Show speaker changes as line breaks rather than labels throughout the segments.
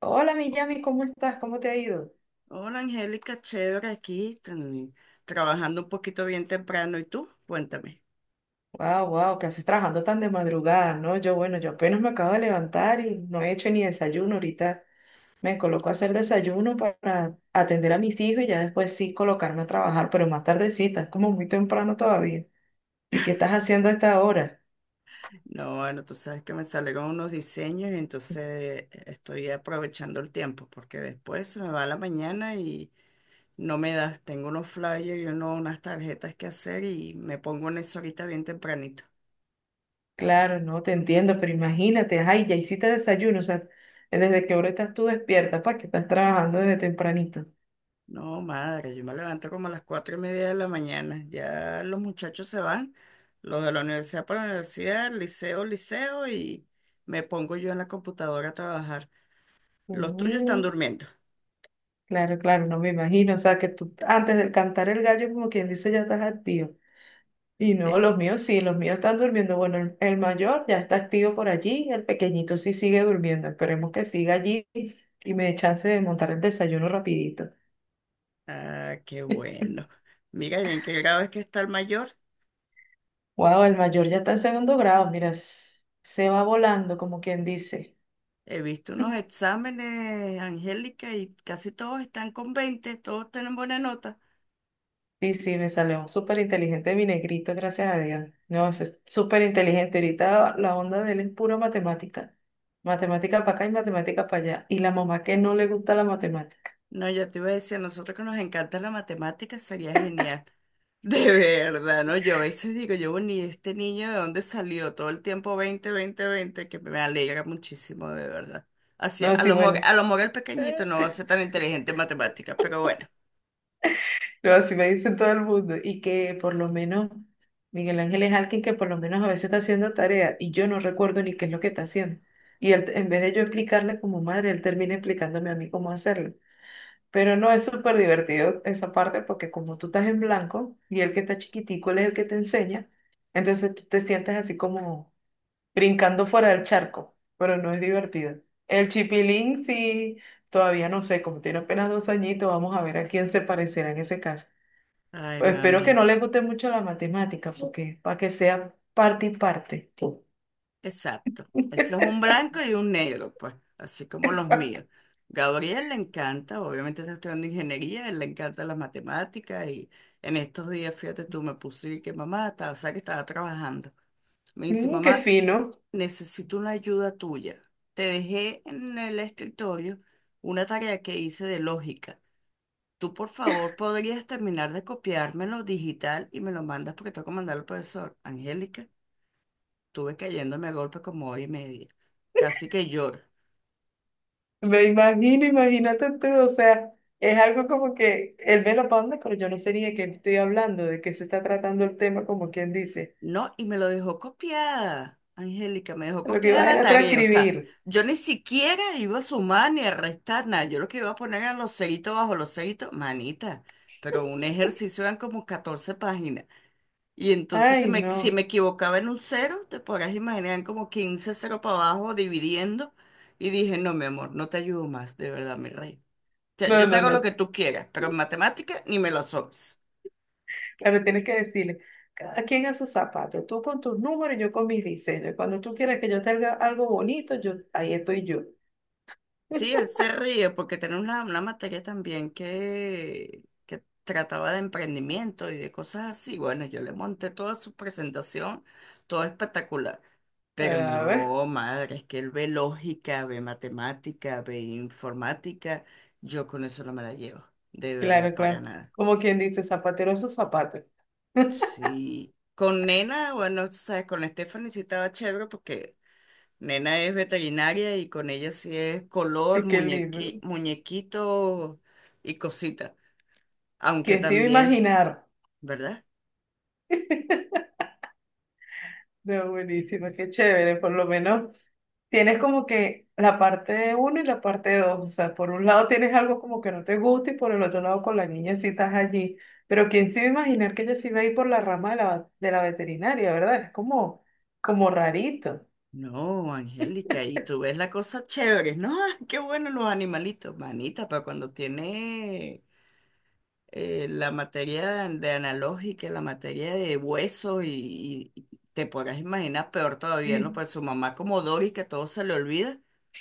Hola, mi Yami, ¿cómo estás? ¿Cómo te ha ido?
Hola Angélica, chévere aquí, trabajando un poquito bien temprano. ¿Y tú? Cuéntame.
Wow, wow, ¿qué haces trabajando tan de madrugada? No, yo, bueno, yo apenas me acabo de levantar y no he hecho ni desayuno. Ahorita me coloco a hacer desayuno para atender a mis hijos y ya después sí colocarme a trabajar, pero más tardecita, es como muy temprano todavía. ¿Y qué estás haciendo a esta hora?
No, bueno, tú sabes que me salieron unos diseños y entonces estoy aprovechando el tiempo porque después se me va la mañana y no me das. Tengo unos flyers y unas tarjetas que hacer y me pongo en eso ahorita bien tempranito.
Claro, no te entiendo, pero imagínate, ay, ya hiciste desayuno, o sea, ¿desde qué hora estás tú despierta? ¿Para qué estás trabajando desde tempranito?
No, madre, yo me levanto como a las 4:30 de la mañana. Ya los muchachos se van, los de la universidad para la universidad, liceo, liceo, y me pongo yo en la computadora a trabajar. Los tuyos están
Mm.
durmiendo.
Claro, claro, no me imagino. O sea, que tú antes del cantar el gallo, como quien dice, ya estás activo. Y no,
Eh,
los míos sí, los míos están durmiendo. Bueno, el mayor ya está activo por allí, el pequeñito sí sigue durmiendo. Esperemos que siga allí y me dé chance de montar el desayuno rapidito.
ah, qué bueno. Mira, ¿y en qué grado es que está el mayor?
Wow, el mayor ya está en segundo grado, mira, se va volando, como quien dice.
He visto unos exámenes, Angélica, y casi todos están con 20. Todos tienen buena nota.
Sí, sí, me salió súper inteligente mi negrito, gracias a Dios. No, es súper inteligente. Ahorita la onda de él es pura matemática. Matemática para acá y matemática para allá. Y la mamá que no le gusta la matemática.
No, yo te iba a decir, a nosotros que nos encanta la matemática, sería genial. De verdad, ¿no? Yo a veces digo, yo, bueno, ¿y este niño de dónde salió? Todo el tiempo 20, 20, 20 que me alegra muchísimo, de verdad. Así,
No,
a
sí,
lo mejor,
bueno,
a lo mejor el pequeñito no va a ser tan inteligente en matemáticas, pero bueno.
no, así me dice todo el mundo. Y que por lo menos Miguel Ángel es alguien que por lo menos a veces está haciendo tarea y yo no recuerdo ni qué es lo que está haciendo. Y él, en vez de yo explicarle como madre, él termina explicándome a mí cómo hacerlo. Pero no es súper divertido esa parte porque como tú estás en blanco y el que está chiquitico él es el que te enseña, entonces tú te sientes así como brincando fuera del charco, pero no es divertido. El chipilín sí, todavía no sé, como tiene apenas 2 añitos, vamos a ver a quién se parecerá en ese caso.
Ay,
Pues espero
mami,
que no le guste mucho la matemática porque para que sea parte y parte.
exacto. Eso es un blanco y un negro, pues, así como los
Exacto.
míos. Gabriel le encanta, obviamente está estudiando ingeniería, él le encanta las matemáticas y en estos días, fíjate tú, me puse y que mamá, estaba, o sea, que estaba trabajando. Me dice,
Mm, qué
mamá,
fino.
necesito una ayuda tuya. Te dejé en el escritorio una tarea que hice de lógica. Tú, por favor, podrías terminar de copiármelo digital y me lo mandas porque tengo que mandarlo al profesor. Angélica, tuve cayéndome a golpe como hora y media. Casi que lloro.
Me imagino, imagínate tú, o sea, es algo como que él me lo pone, pero yo no sé ni de qué estoy hablando, de qué se está tratando el tema, como quien dice.
No, y me lo dejó copiada. Angélica, me dejó
Lo que iba
copiada
a
la
era
tarea. O
transcribir.
sea, yo ni siquiera iba a sumar ni a restar nada. Yo lo que iba a poner era los ceritos bajo los ceritos. Manita, pero un ejercicio eran como 14 páginas. Y entonces si
Ay,
me, si
no,
me equivocaba en un cero, te podrás imaginar como 15 cero para abajo dividiendo. Y dije, no, mi amor, no te ayudo más, de verdad, mi rey. O sea,
no,
yo te
no,
hago lo
no.
que tú quieras, pero en matemática ni me lo sobes.
Claro, tienes que decirle, cada quien a sus zapatos, tú con tus números, yo con mis diseños. Cuando tú quieras que yo te haga algo bonito, yo, ahí estoy yo.
Sí, él se ríe porque tenemos una materia también que trataba de emprendimiento y de cosas así. Bueno, yo le monté toda su presentación, todo espectacular.
A
Pero
ver,
no, madre, es que él ve lógica, ve matemática, ve informática. Yo con eso no me la llevo, de verdad,
claro,
para
claro.
nada.
Como quien dice, zapatero a sus zapatos.
Sí. Con Nena, bueno, tú sabes, con Stephanie sí estaba chévere porque Nena es veterinaria y con ella sí es color,
Qué lindo.
muñequito y cosita. Aunque
¿Quién se iba a
también,
imaginar?
¿verdad?
No, buenísimo, qué chévere, por lo menos tienes como que la parte uno y la parte dos, o sea, por un lado tienes algo como que no te gusta y por el otro lado con la niña sí estás allí, pero quién se iba a imaginar que ella sí iba a ir por la rama de la veterinaria, ¿verdad? Es como, como rarito.
No, Angélica, y tú ves la cosa chévere. No, qué bueno los animalitos, manita, para cuando tiene la materia de analógica, la materia de hueso y te podrás imaginar peor todavía, ¿no?
Sí.
Pues su mamá como Dory, que todo se le olvida,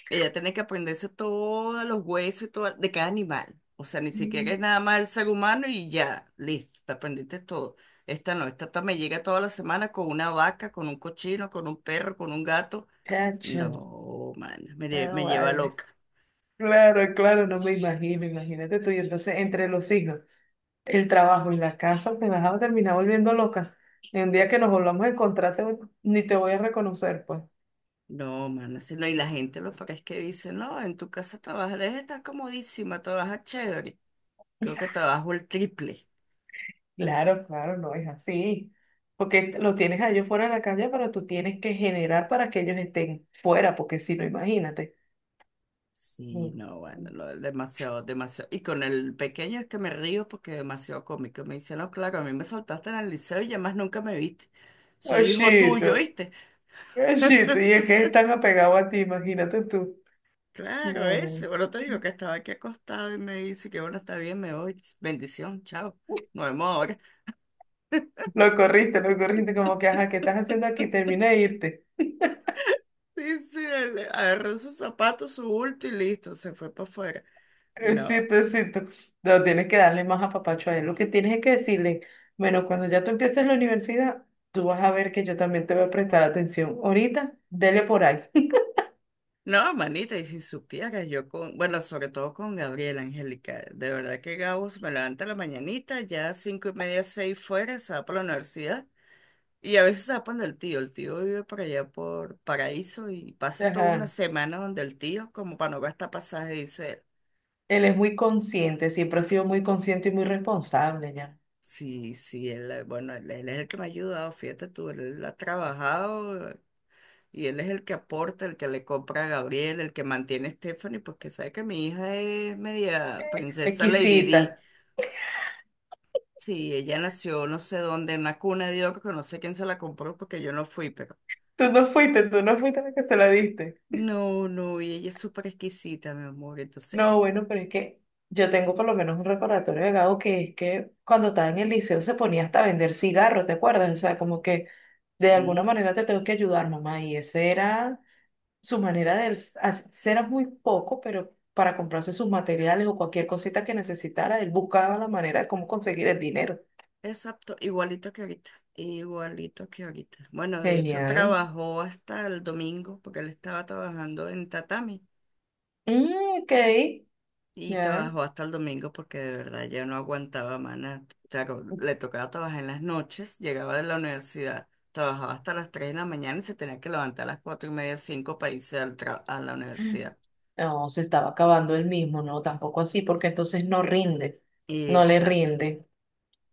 ella tiene que aprenderse todos los huesos y todo, de cada animal. O sea, ni siquiera es nada más el ser humano y ya, listo, te aprendiste todo. Esta no, me llega toda la semana con una vaca, con un cochino, con un perro, con un gato.
Chacho,
No, man,
no
me lleva
vale.
loca.
Claro, claro, no me imagino, imagínate tú, y entonces entre los hijos. El trabajo y la casa te vas a terminar volviendo loca. En un día que nos volvamos a encontrar, te- ni te voy a reconocer, pues.
No, mana, sí, no, y la gente lo que es que dice, no, en tu casa trabajas, debes estar comodísima, trabajas chévere. Creo que trabajo el triple.
Claro, claro, no es así. Porque los tienes a ellos fuera de la calle, pero tú tienes que generar para que ellos estén fuera, porque si no, imagínate.
Sí,
Mm.
no, bueno, no, demasiado, demasiado. Y con el pequeño es que me río porque es demasiado cómico. Me dice, no, claro, a mí me soltaste en el liceo y ya más nunca me viste. Soy hijo tuyo,
Gachito,
¿viste?
gachito, y es que es tan apegado a ti, imagínate tú.
Claro,
No.
ese. Bueno, te digo que estaba aquí acostado y me dice que bueno, está bien, me voy. Bendición, chao. Nos vemos ahora.
Lo corriste, como que, ajá, ¿qué estás haciendo aquí? Termina de irte.
Sí, sí, él agarró sus zapatos, su bulto y listo, se fue para afuera. No,
Éxito, éxito. No, tienes que darle más apapacho a él. Lo que tienes es que decirle, bueno, cuando ya tú empieces la universidad, tú vas a ver que yo también te voy a prestar atención. Ahorita, dele por ahí.
no, manita, y si supieras yo con, bueno, sobre todo con Gabriela Angélica, de verdad que Gabo se me levanta a la mañanita, ya 5:30, 6 fuera, se va para la universidad, y a veces se va para donde el tío vive por allá por Paraíso y pasa toda una
Ajá.
semana donde el tío, como para no gastar pasaje, dice,
Él es muy consciente, siempre ha sido muy consciente y muy responsable ya.
sí, sí, él, bueno, él es el que me ha ayudado, fíjate tú, él ha trabajado. Y él es el que aporta, el que le compra a Gabriel, el que mantiene a Stephanie, porque sabe que mi hija es media princesa Lady
Exquisita.
Di. Sí, ella nació no sé dónde, en una cuna de oro, que no sé quién se la compró porque yo no fui, pero...
Tú no fuiste la que te la diste.
No, no, y ella es súper exquisita, mi amor. Entonces,
No, bueno, pero es que yo tengo por lo menos un recordatorio de Gabo que es que cuando estaba en el liceo se ponía hasta a vender cigarros, ¿te acuerdas? O sea, como que de alguna
sí,
manera te tengo que ayudar, mamá. Y esa era su manera de as- era muy poco, pero para comprarse sus materiales o cualquier cosita que necesitara, él buscaba la manera de cómo conseguir el dinero.
exacto, igualito que ahorita, igualito que ahorita. Bueno, de hecho
Genial.
trabajó hasta el domingo porque él estaba trabajando en tatami.
Mm, ok,
Y
ya.
trabajó hasta el domingo porque de verdad ya no aguantaba, mana. O sea, le tocaba trabajar en las noches, llegaba de la universidad, trabajaba hasta las 3 de la mañana y se tenía que levantar a las 4:30, 5 para irse al a la universidad.
No, se estaba acabando él mismo, no, tampoco así, porque entonces no rinde, no le
Exacto.
rinde.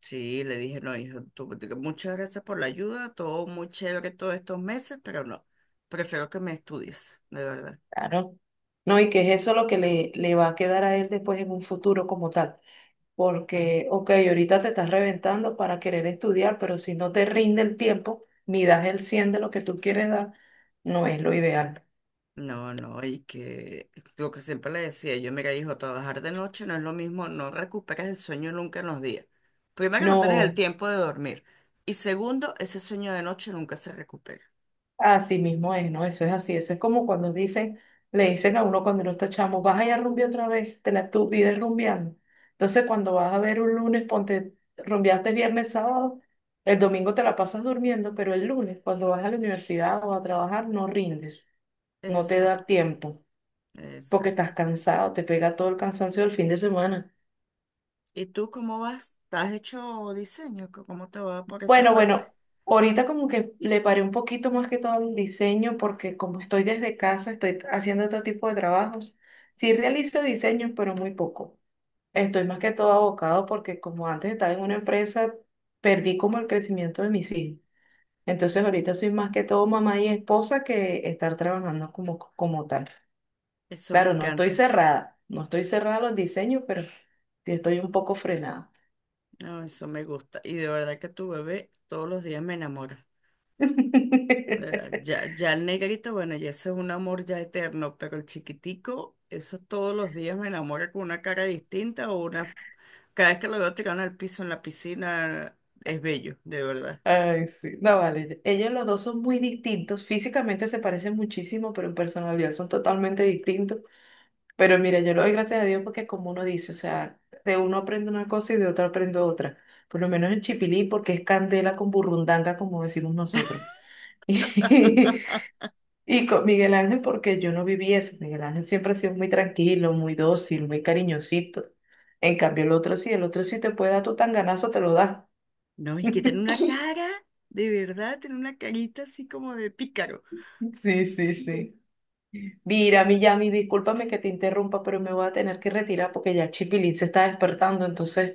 Sí, le dije, no, hijo, muchas gracias por la ayuda, todo muy chévere todos estos meses, pero no, prefiero que me estudies, de verdad.
Claro. No, y que es eso lo que le va a quedar a él después en un futuro como tal. Porque, ok, ahorita te estás reventando para querer estudiar, pero si no te rinde el tiempo, ni das el 100 de lo que tú quieres dar, no es lo ideal.
No, no, y que lo que siempre le decía, yo mira, hijo, trabajar de noche no es lo mismo, no recuperas el sueño nunca en los días. Primero, no tienes el
No.
tiempo de dormir. Y segundo, ese sueño de noche nunca se recupera.
Así mismo es, ¿no? Eso es así. Eso es como cuando dicen, le dicen a uno cuando uno está chamo, vas a ir a rumbear otra vez, te la tu vida es rumbeando. Entonces, cuando vas a ver un lunes, ponte, rumbeaste viernes, sábado, el domingo te la pasas durmiendo, pero el lunes, cuando vas a la universidad o a trabajar, no rindes, no te da
Exacto,
tiempo, porque estás
exacto.
cansado, te pega todo el cansancio del fin de semana.
¿Y tú cómo vas? ¿Te has hecho diseño? ¿Cómo te va por esa
Bueno,
parte?
bueno, ahorita como que le paré un poquito más que todo el diseño porque como estoy desde casa, estoy haciendo otro tipo de trabajos. Sí realizo diseños, pero muy poco. Estoy más que todo abocado porque como antes estaba en una empresa, perdí como el crecimiento de mis hijos. Entonces ahorita soy más que todo mamá y esposa que estar trabajando como tal.
Eso me
Claro, no estoy
encanta,
cerrada, no estoy cerrada a los diseños, pero sí estoy un poco frenada.
no, eso me gusta. Y de verdad que tu bebé todos los días me enamora. Eh, Ya, ya el negrito, bueno, ya ese es un amor ya eterno, pero el chiquitico, eso todos los días me enamora con una cara distinta o una... Cada vez que lo veo tirado al piso en la piscina, es bello, de verdad.
Ay, sí. No, vale. Ellos los dos son muy distintos. Físicamente se parecen muchísimo, pero en personalidad son totalmente distintos. Pero mira, yo lo doy gracias a Dios porque como uno dice, o sea, de uno aprendo una cosa y de otro aprendo otra. Por lo menos en Chipilí, porque es candela con burrundanga, como decimos nosotros. Y, con Miguel Ángel, porque yo no viví eso. Miguel Ángel siempre ha sido muy tranquilo, muy dócil, muy cariñosito. En cambio, el otro sí te puede dar tu tanganazo, te lo da.
No, y que tiene una cara, de verdad, tiene una carita así como de pícaro.
Sí, sí, sí. Mira, Miyami, discúlpame que te interrumpa, pero me voy a tener que retirar porque ya Chipilín se está despertando. Entonces,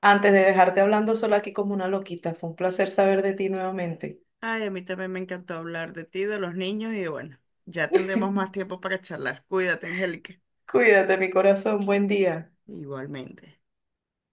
antes de dejarte hablando sola aquí como una loquita, fue un placer saber de ti nuevamente.
Ay, a mí también me encantó hablar de ti, de los niños y bueno, ya tendremos más tiempo para charlar. Cuídate, Angélica.
Cuídate, mi corazón, buen día.
Igualmente.